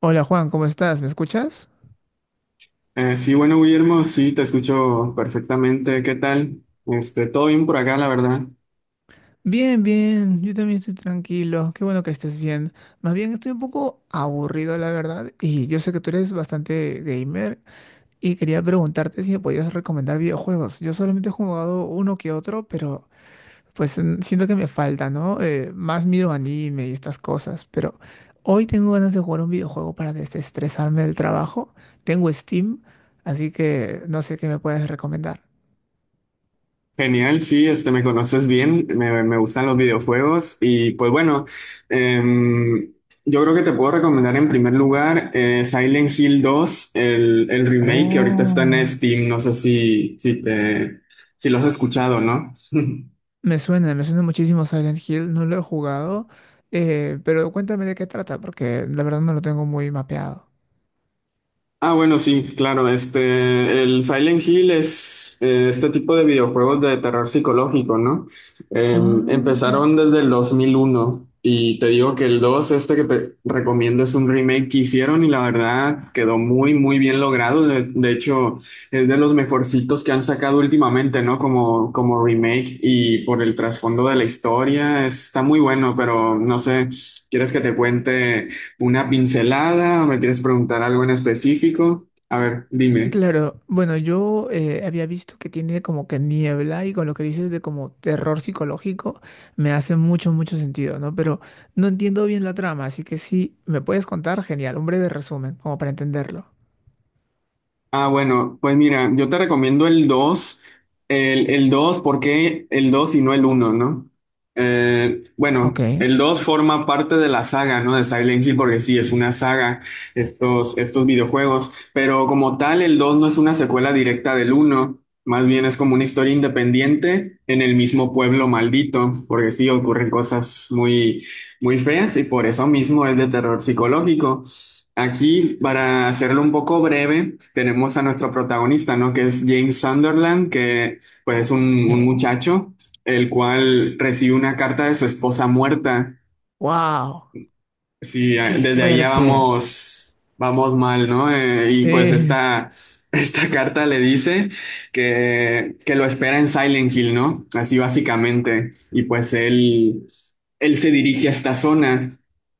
Hola Juan, ¿cómo estás? ¿Me escuchas? Sí, bueno, Guillermo, sí, te escucho perfectamente. ¿Qué tal? Todo bien por acá, la verdad. Bien, bien, yo también estoy tranquilo, qué bueno que estés bien. Más bien estoy un poco aburrido, la verdad, y yo sé que tú eres bastante gamer y quería preguntarte si me podías recomendar videojuegos. Yo solamente he jugado uno que otro, pero pues siento que me falta, ¿no? Más miro anime y estas cosas, pero hoy tengo ganas de jugar un videojuego para desestresarme del trabajo. Tengo Steam, así que no sé qué me puedes recomendar. Genial, sí, este, me conoces bien, me gustan los videojuegos y pues bueno, em, yo creo que te puedo recomendar en primer lugar Silent Hill dos, el remake que ahorita está en Oh. Steam, no sé si lo has escuchado, ¿no? Me suena muchísimo Silent Hill, no lo he jugado, pero cuéntame de qué trata, porque la verdad no lo tengo muy mapeado. Ah, bueno, sí, claro. Este, el Silent Hill es este tipo de videojuegos de terror psicológico, ¿no? Eh, Ah, empezaron desde el 2001 y te digo que el 2, este que te recomiendo, es un remake que hicieron y la verdad quedó muy, muy bien logrado. De hecho, es de los mejorcitos que han sacado últimamente, ¿no? Como remake y por el trasfondo de la historia, está muy bueno, pero no sé, ¿quieres que te cuente? Una pincelada, o ¿me quieres preguntar algo en específico? A ver, dime. claro. Bueno, yo había visto que tiene como que niebla y con lo que dices de como terror psicológico me hace mucho, mucho sentido, ¿no? Pero no entiendo bien la trama, así que sí, me puedes contar, genial, un breve resumen, como para entenderlo. Ah, bueno, pues mira, yo te recomiendo el 2, el 2, ¿por qué el 2 y no el uno, no? Ok. Bueno, el 2 forma parte de la saga, ¿no? De Silent Hill, porque sí, es una saga, estos videojuegos, pero como tal, el 2 no es una secuela directa del uno, más bien es como una historia independiente en el mismo pueblo maldito, porque sí, ocurren cosas muy, muy feas y por eso mismo es de terror psicológico. Aquí, para hacerlo un poco breve, tenemos a nuestro protagonista, ¿no? Que es James Sunderland, que pues es un Ok. muchacho, el cual recibe una carta de su esposa muerta. Wow, Sí, ah, qué desde ahí ya fuerte. vamos mal, ¿no? Y pues Sí. esta, esta carta le dice que lo espera en Silent Hill, ¿no? Así básicamente. Y pues él se dirige a esta zona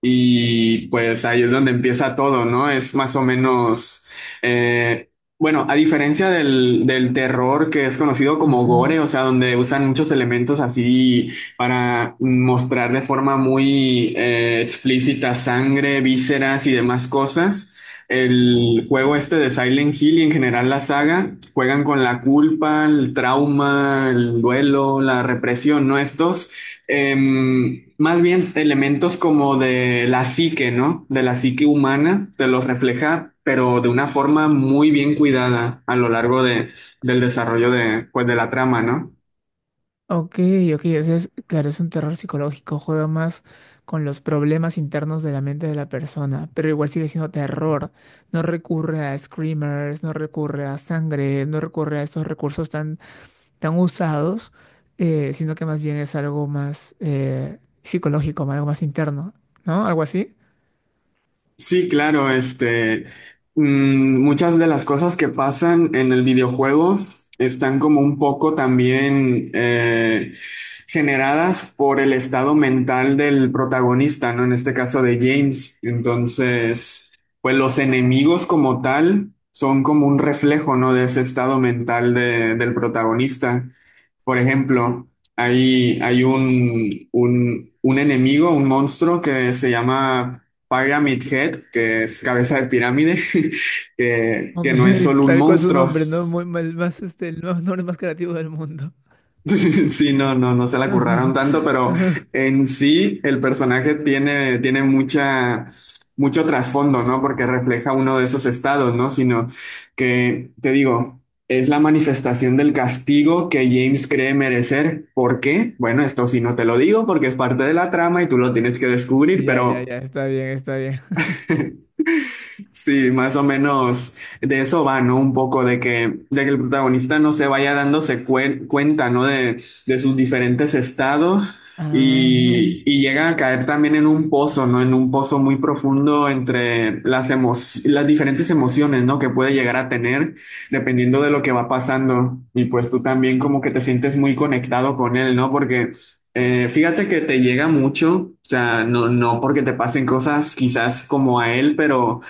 y pues ahí es donde empieza todo, ¿no? Es más o menos, eh, bueno, a diferencia del terror que es conocido como Ajá. gore, o sea, donde usan muchos elementos así para mostrar de forma muy explícita sangre, vísceras y demás cosas. El juego este de Silent Hill y en general la saga juegan con la culpa, el trauma, el duelo, la represión, ¿no? Estos más bien elementos como de la psique, ¿no? De la psique humana, te los refleja, pero de una forma muy bien cuidada a lo largo del desarrollo de, pues, de la trama, ¿no? Ok, ok, o sea, claro, es un terror psicológico, juega más con los problemas internos de la mente de la persona, pero igual sigue siendo terror. No recurre a screamers, no recurre a sangre, no recurre a estos recursos tan, tan usados, sino que más bien es algo más psicológico, algo más interno, ¿no? Algo así. Sí, claro, muchas de las cosas que pasan en el videojuego están como un poco también generadas por el estado mental del protagonista, ¿no? En este caso de James. Entonces, pues los enemigos como tal son como un reflejo, ¿no? De ese estado mental del protagonista. Por ejemplo, un enemigo, un monstruo que se llama Pyramid Head, que es cabeza de pirámide, que Ok, no es solo un tal cual su monstruo. nombre, ¿no? Muy mal, más este, nombre más creativo del mundo. Sí, no se la curraron tanto, pero en sí el personaje mucho trasfondo, ¿no? Porque refleja uno de esos estados, ¿no? Sino que, te digo, es la manifestación del castigo que James cree merecer. ¿Por qué? Bueno, esto sí no te lo digo porque es parte de la trama y tú lo tienes que descubrir, Ya, ya, pero... ya, está bien, está bien. Sí, más o menos de eso va, ¿no? Un poco de que el protagonista no se vaya dándose cuenta, ¿no? De sus diferentes estados Ah. y llega a caer también en un pozo, ¿no? En un pozo muy profundo entre las diferentes emociones, ¿no? Que puede llegar a tener dependiendo de lo que va pasando. Y pues tú también como que te sientes muy conectado con él, ¿no? Porque... fíjate que te llega mucho, o sea, no porque te pasen cosas quizás como a él, pero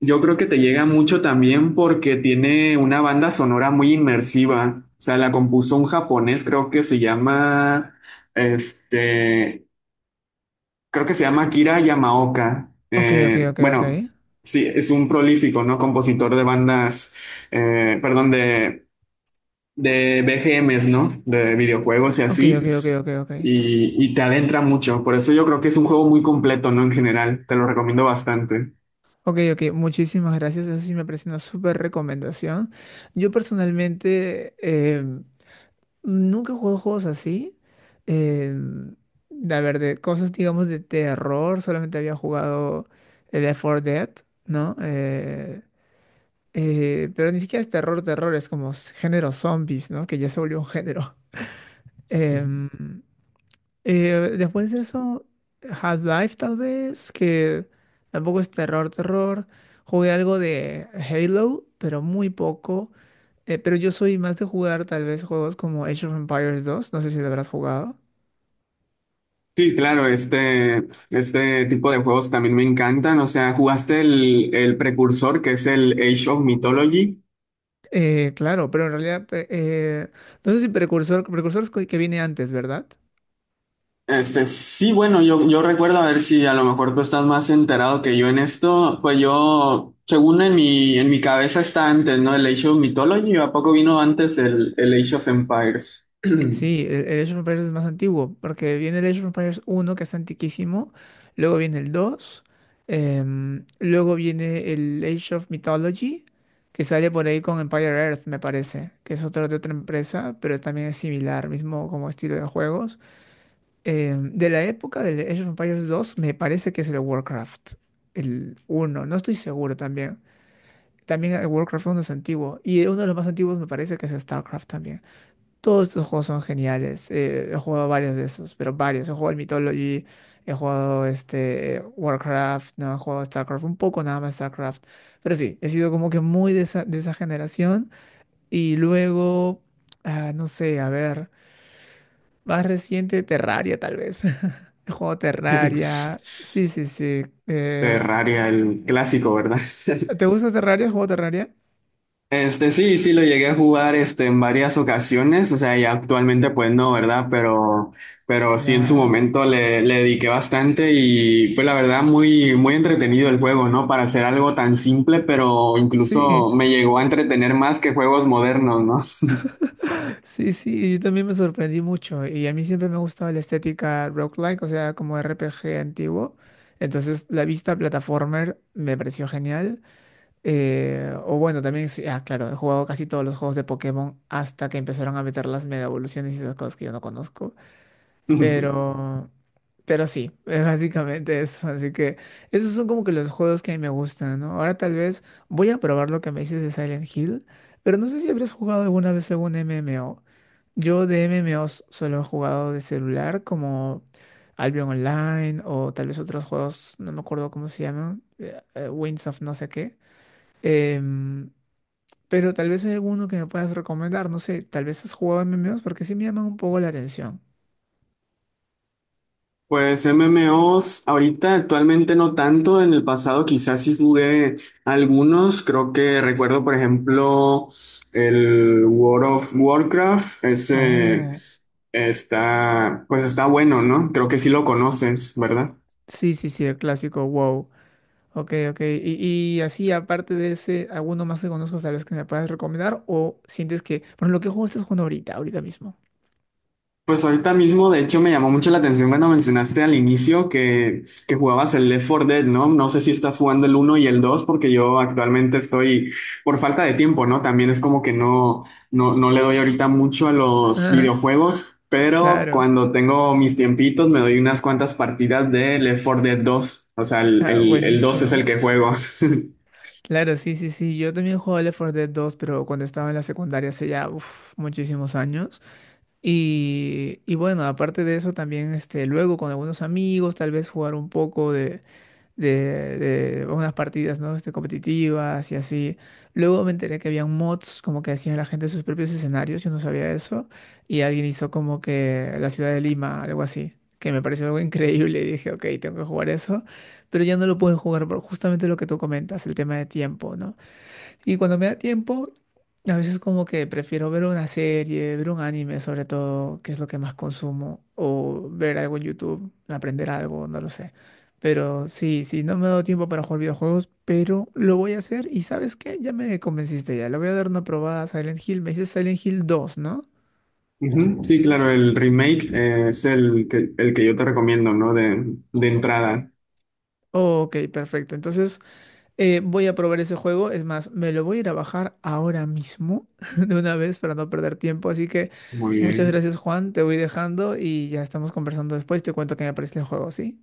yo creo que te llega mucho también porque tiene una banda sonora muy inmersiva. O sea, la compuso un japonés, este, creo que se llama Akira Yamaoka. Ok, ok, ok, ok. Bueno, sí, es un prolífico, ¿no? Compositor de bandas, perdón, de BGMs, ¿no? De videojuegos y Ok, así. ok, ok, ok, ok. Y te adentra mucho. Por eso yo creo que es un juego muy completo, ¿no? En general, te lo recomiendo bastante. Ok, ok, muchísimas gracias. Eso sí me parece una súper recomendación. Yo personalmente nunca he jugado juegos así. Eh, a ver, de cosas, digamos, de terror. Solamente había jugado el Left 4 Dead, ¿no? Pero ni siquiera es terror, terror. Es como género zombies, ¿no? Que ya se volvió un género. Em, después de eso, Half-Life tal vez, que tampoco es terror, terror. Jugué algo de Halo, pero muy poco. Pero yo soy más de jugar tal vez juegos como Age of Empires 2, no sé si lo habrás jugado. Sí, claro, este tipo de juegos también me encantan. O sea, ¿jugaste el precursor que es el Age of Mythology? Claro, pero en realidad, no sé si Precursor, Precursor es que viene antes, ¿verdad? Este, sí, bueno, yo recuerdo, a ver si a lo mejor tú estás más enterado que yo en esto, pues yo, según en en mi cabeza está antes, ¿no? El Age of Mythology, ¿a poco vino antes el Age of Empires? Sí, el Age of Empires es más antiguo, porque viene el Age of Empires uno que es antiquísimo, luego viene el 2, luego viene el Age of Mythology, que sale por ahí con Empire Earth, me parece, que es otra de otra empresa, pero también es similar, mismo como estilo de juegos. Em, de la época del Age of Empires dos me parece que es el Warcraft, el uno, no estoy seguro también. También el Warcraft uno es antiguo, y uno de los más antiguos me parece que es StarCraft también. Todos estos juegos son geniales. He jugado varios de esos, pero varios. He jugado el Mythology, he jugado este Warcraft, no he jugado StarCraft, un poco nada más StarCraft. Pero sí, he sido como que muy de esa generación. Y luego, ah, no sé, a ver, más reciente Terraria tal vez. He jugado Terraria. Sí, sí, sí. eh, Terraria, el clásico, ¿verdad? ¿te gusta Terraria? ¿Has jugado Terraria? Este, sí lo llegué a jugar este, en varias ocasiones, o sea, y actualmente pues no, ¿verdad? Pero sí en su Claro. momento le dediqué bastante y pues la verdad muy, muy entretenido el juego, ¿no? Para hacer algo tan simple, pero Sí. incluso me llegó a entretener más que juegos modernos, Sí, sí, yo también me sorprendí mucho y a mí siempre me ha gustado la estética roguelike, o sea, como RPG antiguo. Entonces, la vista platformer me pareció genial. O bueno, también, sí, ah, claro, he jugado casi todos los juegos de Pokémon hasta que empezaron a meter las mega evoluciones y esas cosas que yo no conozco. ¿no? Pero, pero sí, es básicamente eso. Así que esos son como que los juegos que a mí me gustan, ¿no? Ahora tal vez voy a probar lo que me dices de Silent Hill, pero no sé si habrás jugado alguna vez algún MMO. Yo de MMOs solo he jugado de celular, como Albion Online o tal vez otros juegos, no me acuerdo cómo se llaman, Winds of no sé qué. Em, pero tal vez hay alguno que me puedas recomendar, no sé, tal vez has jugado MMOs porque sí me llaman un poco la atención. Pues MMOs, ahorita actualmente no tanto, en el pasado quizás sí jugué algunos, creo que recuerdo por ejemplo el World of Warcraft, ese Oh. está, pues está bueno, ¿no? Creo que sí lo conoces, ¿verdad? Sí, sí, sí, el clásico, wow. Ok, ok. Y así, aparte de ese, ¿alguno más que conozcas tal vez que me puedas recomendar? ¿O sientes que, por ejemplo, qué juego estás jugando ahorita, ahorita mismo? Pues ahorita mismo, de hecho, me llamó mucho la atención cuando mencionaste al inicio que jugabas el Left 4 Dead, ¿no? No sé si estás jugando el uno y el 2, porque yo actualmente estoy por falta de tiempo, ¿no? También es como que no le doy ahorita mucho a los videojuegos, pero Claro. cuando tengo mis tiempitos me doy unas cuantas partidas de Left 4 Dead dos. O sea, el, Ah, el, el 2 es el buenísimo. que juego. Claro, sí, sí, sí. Yo también jugaba Left 4 Dead 2, pero cuando estaba en la secundaria hace ya uf, muchísimos años. Y bueno, aparte de eso, también este, luego con algunos amigos, tal vez jugar un poco de, de unas partidas, ¿no? Este, competitivas y así. Luego me enteré que habían mods como que hacían la gente sus propios escenarios, yo no sabía eso. Y alguien hizo como que la ciudad de Lima, algo así, que me pareció algo increíble y dije, ok, tengo que jugar eso. Pero ya no lo pueden jugar por justamente lo que tú comentas, el tema de tiempo, ¿no? Y cuando me da tiempo, a veces como que prefiero ver una serie, ver un anime sobre todo, que es lo que más consumo, o ver algo en YouTube, aprender algo, no lo sé. Pero sí, sí, no me ha dado tiempo para jugar videojuegos, pero lo voy a hacer. Y ¿sabes qué? Ya me convenciste ya. Le voy a dar una probada a Silent Hill. Me dices Silent Hill dos, ¿no? Ujú, sí, claro, el remake es el que yo te recomiendo, ¿no? De entrada. Ok, perfecto. Entonces... voy a probar ese juego, es más, me lo voy a ir a bajar ahora mismo de una vez para no perder tiempo, así que Muy muchas bien. gracias Juan, te voy dejando y ya estamos conversando después, te cuento qué me parece el juego, ¿sí?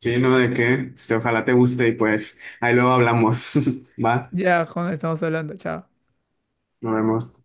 Sí, no, de qué. Este, ojalá te guste y pues ahí luego hablamos. Va, Ya Juan, estamos hablando, chao. nos vemos.